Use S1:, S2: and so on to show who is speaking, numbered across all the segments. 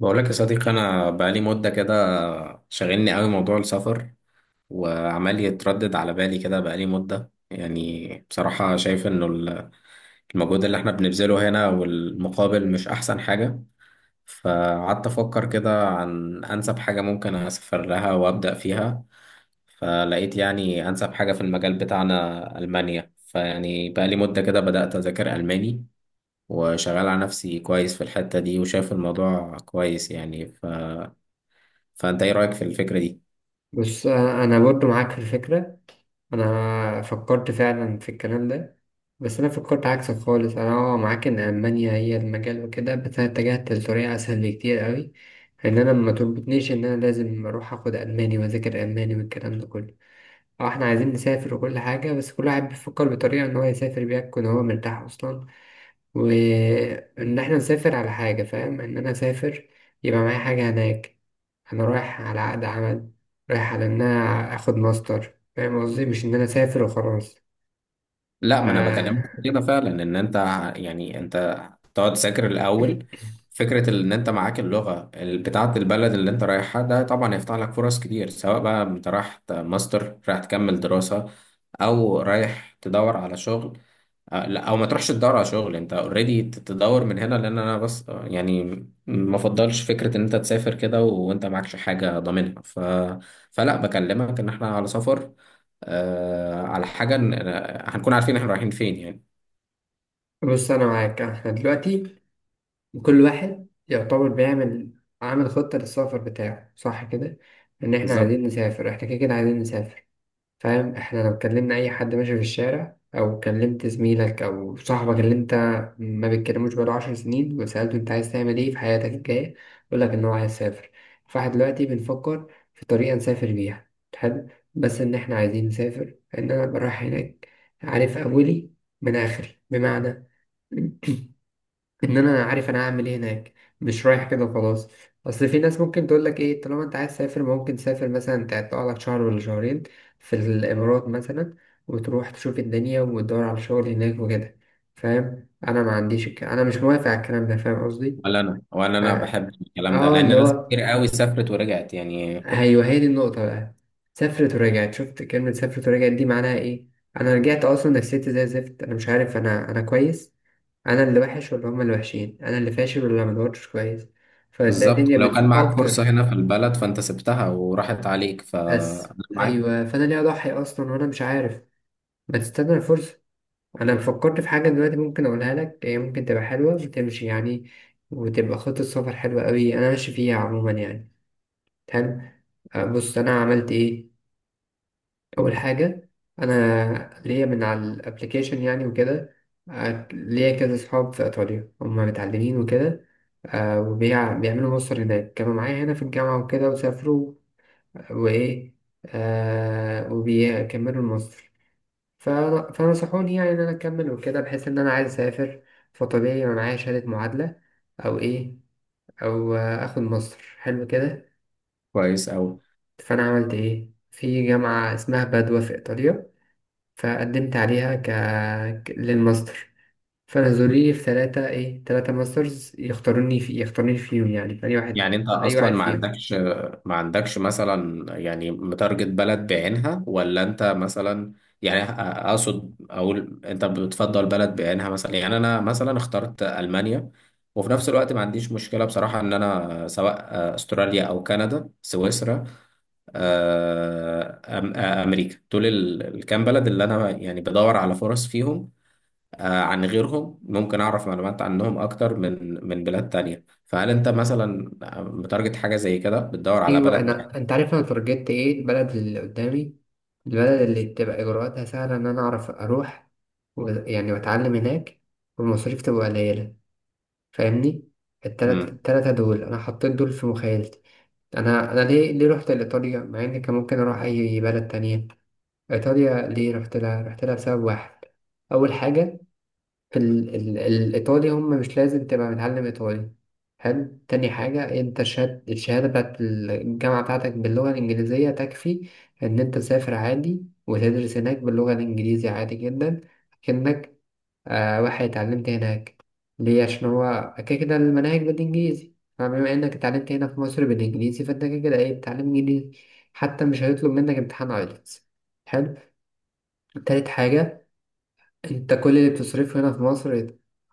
S1: بقول لك يا صديقي، انا بقالي مده كده شاغلني قوي موضوع السفر. وعمال يتردد على بالي كده بقالي مده يعني بصراحه شايف انه المجهود اللي احنا بنبذله هنا والمقابل مش احسن حاجه. فقعدت افكر كده عن انسب حاجه ممكن اسافر لها وابدا فيها. فلقيت يعني انسب حاجه في المجال بتاعنا المانيا، فيعني بقالي مده كده بدات اذاكر الماني. وشغال على نفسي كويس في الحتة دي وشايف الموضوع كويس يعني. فانت ايه رايك في الفكره دي؟
S2: بص، أنا برضو معاك في الفكره. انا فكرت فعلا في الكلام ده. بس انا فكرت عكسك خالص، انا معاك ان المانيا هي المجال وكده، بس انا اتجهت لطريقه اسهل بكتير قوي، ان انا ما تربطنيش ان انا لازم اروح اخد الماني واذاكر الماني والكلام ده كله. اه احنا عايزين نسافر وكل حاجه، بس كل واحد بيفكر بطريقه ان هو يسافر بيها يكون هو مرتاح اصلا، وإن إحنا نسافر على حاجة. فاهم؟ إن أنا أسافر يبقى معايا حاجة هناك. أنا رايح على عقد عمل، رايح على إن أنا آخد ماستر. فاهم قصدي؟ مش إن أنا أسافر وخلاص.
S1: لا، ما انا بكلمك في
S2: آه.
S1: كده فعلا ان انت، يعني انت تقعد تذاكر الاول. فكره ان انت معاك اللغه بتاعه البلد اللي انت رايحها ده طبعا هيفتح لك فرص كتير، سواء بقى انت رايح ماستر رايح تكمل دراسه او رايح تدور على شغل. لا او ما تروحش تدور على شغل، انت اوريدي تدور من هنا، لان انا بس يعني ما افضلش فكره ان انت تسافر كده وانت معكش حاجه ضامنها فلا بكلمك ان احنا على سفر، على حاجه، هنكون عارفين احنا رايحين فين يعني.
S2: بص أنا معاك. إحنا دلوقتي كل واحد يعتبر بيعمل، عامل خطة للسفر بتاعه، صح كده؟ إن إحنا
S1: بالظبط.
S2: عايزين نسافر، إحنا كده كده عايزين نسافر. فاهم؟ احنا لو كلمنا اي حد ماشي في الشارع، او كلمت زميلك او صاحبك اللي انت ما بتكلموش بقاله 10 سنين، وسألته انت عايز تعمل ايه في حياتك الجاية، يقولك ان هو عايز يسافر. فاحنا دلوقتي بنفكر في طريقة نسافر بيها. حلو. بس ان احنا عايزين نسافر، ان انا أبقى رايح هناك عارف اولي من اخري، بمعنى ان انا عارف انا هعمل ايه هناك، مش رايح كده وخلاص. اصل في ناس ممكن تقول لك ايه، طالما انت عايز تسافر ممكن تسافر مثلا، تقعد لك شهر ولا شهرين في الامارات مثلا، وتروح تشوف الدنيا وتدور على شغل هناك وكده. فاهم؟ انا ما عنديش انا مش موافق على الكلام ده. فاهم قصدي؟
S1: ولا انا ولا انا
S2: اه.
S1: بحب الكلام ده
S2: اللي
S1: لان ناس
S2: هو،
S1: كتير قوي سافرت ورجعت يعني.
S2: ايوه هي دي النقطه بقى. سافرت ورجعت؟ شفت كلمه سافرت ورجعت دي معناها ايه؟ انا رجعت اصلا نفسيتي زي الزفت، انا مش عارف انا كويس، انا اللي وحش ولا هما اللي وحشين، انا اللي فاشل ولا ما دورتش كويس، فتلاقي
S1: بالظبط،
S2: الدنيا
S1: ولو كان
S2: بتسوق
S1: معاك فرصه
S2: اكتر.
S1: هنا في البلد فانت سبتها وراحت عليك، ف أنا
S2: بس
S1: معاك.
S2: ايوه، فانا ليه اضحي اصلا وانا مش عارف؟ ما تستنى الفرصه. انا فكرت في حاجه دلوقتي ممكن اقولها لك، هي ممكن تبقى حلوه وتمشي يعني، وتبقى خطه سفر حلوه قوي انا ماشي فيها عموما يعني. حلو. بص انا عملت ايه. اول حاجه، انا ليا من على الابليكيشن يعني وكده. ليا كذا صحاب في ايطاليا هم متعلمين وكده، بيعملوا ماستر هناك، كانوا معايا هنا في الجامعه وكده وسافروا. وايه، وبيكملوا الماستر. فنصحوني يعني ان انا اكمل وكده، بحيث ان انا عايز اسافر، فطبيعي يبقى معايا شهاده معادله او ايه، او اخد ماستر حلو كده.
S1: كويس قوي.
S2: فانا عملت ايه؟ في جامعه اسمها بادوا في ايطاليا، فقدمت عليها للماستر. فنزلوا لي في ثلاثة ماسترز، يختاروني فيهم يعني في اي واحد،
S1: يعني انت
S2: اي
S1: اصلا
S2: واحد
S1: ما
S2: فيهم.
S1: عندكش ما عندكش مثلا يعني متارجت بلد بعينها ولا انت مثلا، يعني اقصد اقول انت بتفضل بلد بعينها مثلا، يعني انا مثلا اخترت المانيا. وفي نفس الوقت ما عنديش مشكلة بصراحة ان انا سواء استراليا او كندا سويسرا، امريكا دول الكام بلد اللي انا يعني بدور على فرص فيهم عن غيرهم، ممكن أعرف معلومات عنهم أكتر من بلاد تانية. فهل أنت مثلا بتارجت حاجة زي كده بتدور على
S2: ايوه،
S1: بلد بعيد؟
S2: انت عارف انا ترجت ايه؟ البلد اللي قدامي، البلد اللي تبقى اجراءاتها سهلة ان انا اعرف اروح، يعني واتعلم هناك، والمصاريف تبقى قليلة. فاهمني؟
S1: امم.
S2: التلاتة دول انا حطيت دول في مخيلتي. انا ليه رحت لايطاليا، مع ان كان ممكن اروح اي بلد تانية؟ إيطاليا ليه رحت لها؟ رحت لها بسبب واحد. أول حاجة، في الإيطالي هم مش لازم تبقى متعلم إيطالي. حلو. تاني حاجة، أنت الشهادة بتاعت الجامعة بتاعتك باللغة الإنجليزية تكفي إن أنت تسافر عادي وتدرس هناك باللغة الإنجليزية عادي جدا، كأنك واحد اتعلمت هناك. ليه؟ عشان هو كده كده المناهج بالإنجليزي، فبما إنك اتعلمت هنا في مصر بالإنجليزي فأنت كده كده إيه؟ بتتعلم إنجليزي. حتى مش هيطلب منك امتحان أيلتس. حلو. تالت حاجة، أنت كل اللي بتصرفه هنا في مصر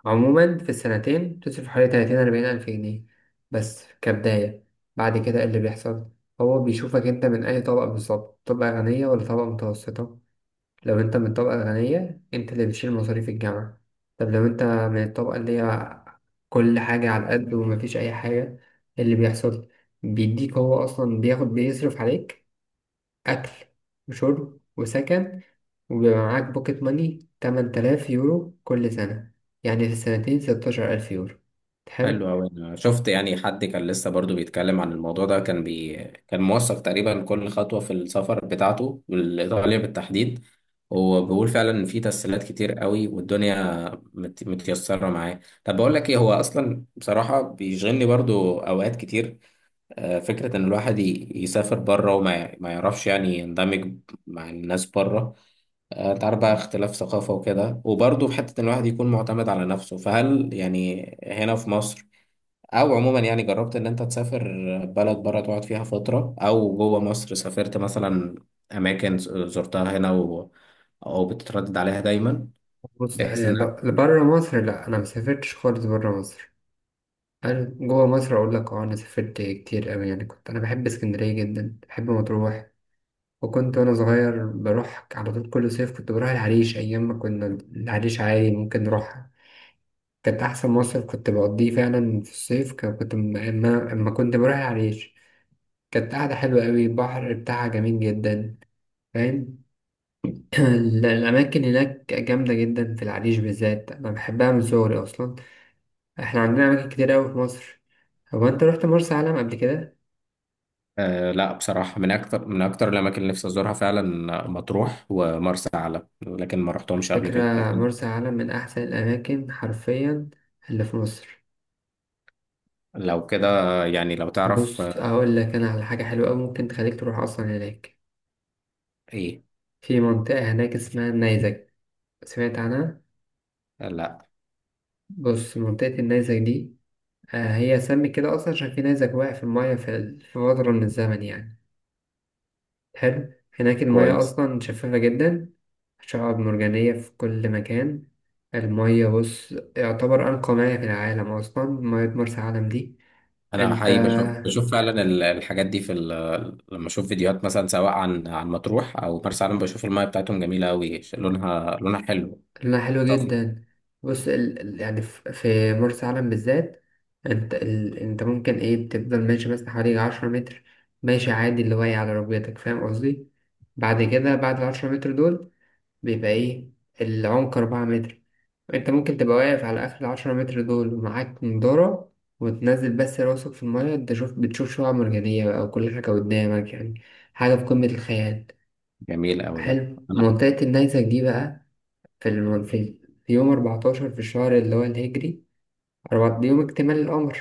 S2: عموما في السنتين بتصرف حوالي تلاتين أربعين ألف جنيه، بس كبداية. بعد كده إيه اللي بيحصل؟ هو بيشوفك أنت من أي طبقة بالظبط، طبقة غنية ولا طبقة متوسطة. لو أنت من الطبقة الغنية أنت اللي بتشيل مصاريف الجامعة. طب لو أنت من الطبقة اللي هي كل حاجة على قد ومفيش أي حاجة، إيه اللي بيحصل؟ بيديك، هو أصلا بيصرف عليك أكل وشرب وسكن، وبيبقى معاك بوكيت ماني 8000 يورو كل سنة، يعني في السنتين 16,000 يورو.
S1: حلو
S2: حلو.
S1: أوي. أنا شفت يعني حد كان لسه برضو بيتكلم عن الموضوع ده كان كان موثق تقريبا كل خطوة في السفر بتاعته والإيطالية بالتحديد. وبيقول فعلا إن في تسهيلات كتير قوي والدنيا متيسرة معاه. طب بقول لك إيه، هو أصلا بصراحة بيشغلني برضو أوقات كتير فكرة إن الواحد يسافر بره وما ما يعرفش يعني يندمج مع الناس بره. أنت عارف بقى اختلاف ثقافة وكده، وبرضه في حتة إن الواحد يكون معتمد على نفسه. فهل يعني هنا في مصر أو عموما، يعني جربت إن أنت تسافر بلد بره تقعد فيها فترة، أو جوه مصر سافرت مثلا أماكن زرتها هنا أو بتتردد عليها دايما،
S2: بص يعني،
S1: بحيث إن
S2: لبرا مصر لا، أنا مسافرتش خالص برا مصر. أنا جوا مصر أقول لك، أنا سافرت كتير أوي يعني، كنت أنا بحب اسكندرية جدا، بحب مطروح، وأنا صغير بروح على طول كل صيف. كنت بروح العريش أيام ما كنا، العريش عادي ممكن نروحها. كانت أحسن مصيف كنت بقضيه فعلا في الصيف. كان- كنت م- أما أما كنت بروح العريش، كانت قاعدة حلوة أوي، البحر بتاعها جميل جدا. فاهم؟ الأماكن هناك جامدة جدا، في العريش بالذات أنا بحبها من صغري أصلا. إحنا عندنا أماكن كتير أوي في مصر. هو أنت رحت مرسى علم قبل كده؟
S1: آه، لا. بصراحة من أكتر الأماكن اللي نفسي أزورها فعلا مطروح ومرسى علم، لكن ما رحتهمش قبل كده
S2: فكرة.
S1: لكن.
S2: مرسى علم من أحسن الأماكن حرفيا اللي في مصر.
S1: لو كده، يعني لو تعرف
S2: بص أقول لك أنا على حاجة حلوة أوي ممكن تخليك تروح أصلا هناك.
S1: إيه.
S2: في منطقة هناك اسمها النيزك. سمعت عنها؟
S1: آه، لا.
S2: بص منطقة النيزك دي، هي سمت كده أصلا عشان في نيزك واقع في المية في في فترة من الزمن يعني. حلو. هناك المية
S1: كويس.
S2: أصلا شفافة جدا، شعاب مرجانية في كل مكان. المية بص يعتبر أنقى مياه في العالم أصلا، مية مرسى علم دي.
S1: أنا
S2: أنت،
S1: حقيقي بشوف فعلا الحاجات دي في لما أشوف فيديوهات مثلا سواء عن مطروح أو مرسى علم، بشوف المايه بتاعتهم جميلة أوي، لونها حلو.
S2: لونها حلو
S1: صافي.
S2: جدا. بص يعني في مرسى علم بالذات، أنت أنت ممكن تفضل ماشي مثلا حوالي 10 متر، ماشي عادي اللي واقع على ركبتك. فاهم قصدي؟ بعد كده، بعد ال10 متر دول بيبقى إيه؟ العمق 4 متر. أنت ممكن تبقى واقف على آخر ال10 متر دول ومعاك نضارة، وتنزل بس راسك في المية، أنت بتشوف شعاب مرجانية بقى وكل حاجة قدامك يعني، حاجة في قمة الخيال.
S1: جميل أوي ده.
S2: حلو،
S1: أنا.
S2: منطقة النيزك دي بقى، في, الم... في, في يوم 14 في الشهر اللي هو الهجري، أربعة دي يوم اكتمال القمر.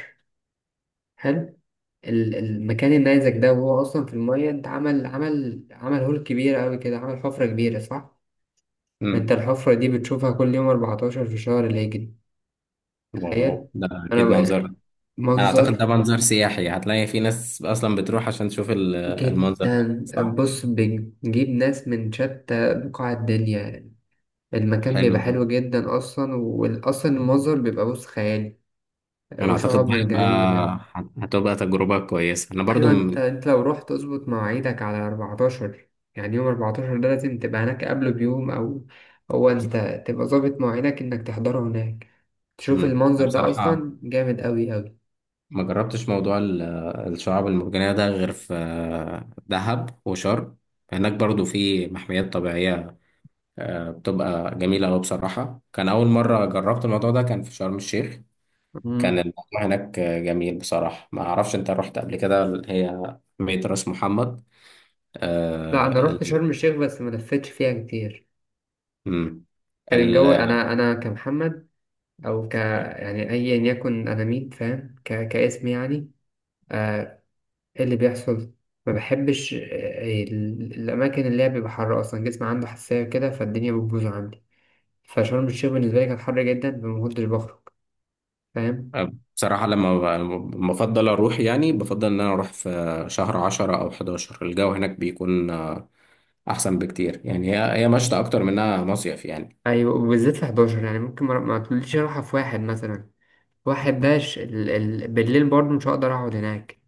S2: حلو. المكان النيزك ده وهو أصلا في المية، أنت عمل هول كبير أوي كده، عمل حفرة كبيرة، صح؟ انت
S1: مم.
S2: الحفرة دي بتشوفها كل يوم 14 في شهر الهجري. تخيل.
S1: واو، ده
S2: انا
S1: أكيد منظر.
S2: بقى،
S1: أنا أعتقد
S2: منظر
S1: ده منظر سياحي، هتلاقي في ناس أصلا بتروح عشان تشوف المنظر ده
S2: جدا.
S1: صح؟
S2: بص بنجيب ناس من شتى بقاع الدنيا، المكان
S1: حلو.
S2: بيبقى حلو جدا اصلا، واصلا المنظر بيبقى بص خيالي،
S1: انا اعتقد
S2: وشعاب مرجانية.
S1: هتبقى تجربة كويسة، انا برضو
S2: ايوه، انت انت لو رحت اظبط مواعيدك على 14، يعني يوم 14 ده لازم تبقى هناك قبله بيوم، او هو انت تبقى ظابط مواعيدك انك تحضره هناك تشوف المنظر
S1: انا
S2: ده،
S1: بصراحة
S2: اصلا جامد قوي
S1: ما جربتش موضوع الشعاب المرجانية ده غير في دهب وشرم. هناك برضو في محميات طبيعية بتبقى جميلة أوي. بصراحة كان أول مرة جربت الموضوع ده كان في شرم الشيخ.
S2: قوي.
S1: كان الموضوع هناك جميل. بصراحة ما أعرفش أنت رحت قبل كده اللي هي محمية راس محمد
S2: لا، انا
S1: آه،
S2: رحت
S1: ال-
S2: شرم الشيخ بس ما لفتش فيها كتير.
S1: م.
S2: كان الجو، انا كمحمد، او ك، يعني ايا يكن انا مين، فاهم؟ كاسم يعني. آه. إيه اللي بيحصل؟ ما بحبش الاماكن اللي هي بيبقى حر، اصلا جسمي عنده حساسيه كده فالدنيا بتبوظ عندي. فشرم الشيخ بالنسبه لي كان حر جدا، فما كنتش بخرج. فاهم؟
S1: بصراحة لما بفضل أروح، يعني بفضل إن أنا أروح في شهر 10 أو 11، الجو هناك بيكون أحسن بكتير، يعني هي مشتى أكتر منها مصيف يعني.
S2: ايوه، وبالذات في 11، يعني ممكن ما تقوليش اروحها في واحد مثلا، واحد داش، بالليل برضه مش هقدر اقعد هناك.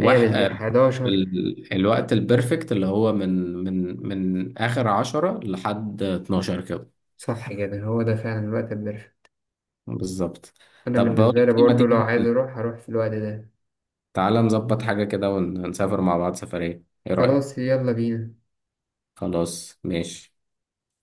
S2: هي بالذات
S1: آه،
S2: 11.
S1: الوقت البرفكت اللي هو من آخر 10 لحد 12 كده.
S2: صح كده، هو ده فعلا الوقت البرفكت.
S1: بالظبط.
S2: أنا
S1: طب بقول
S2: بالنسبة لي
S1: لك إيه، ما
S2: برضه لو
S1: تيجي
S2: عايز أروح هروح في الوقت ده.
S1: تعالى نظبط حاجة كده ونسافر مع بعض سفرية، إيه رأيك؟
S2: خلاص، يلا بينا.
S1: خلاص ماشي.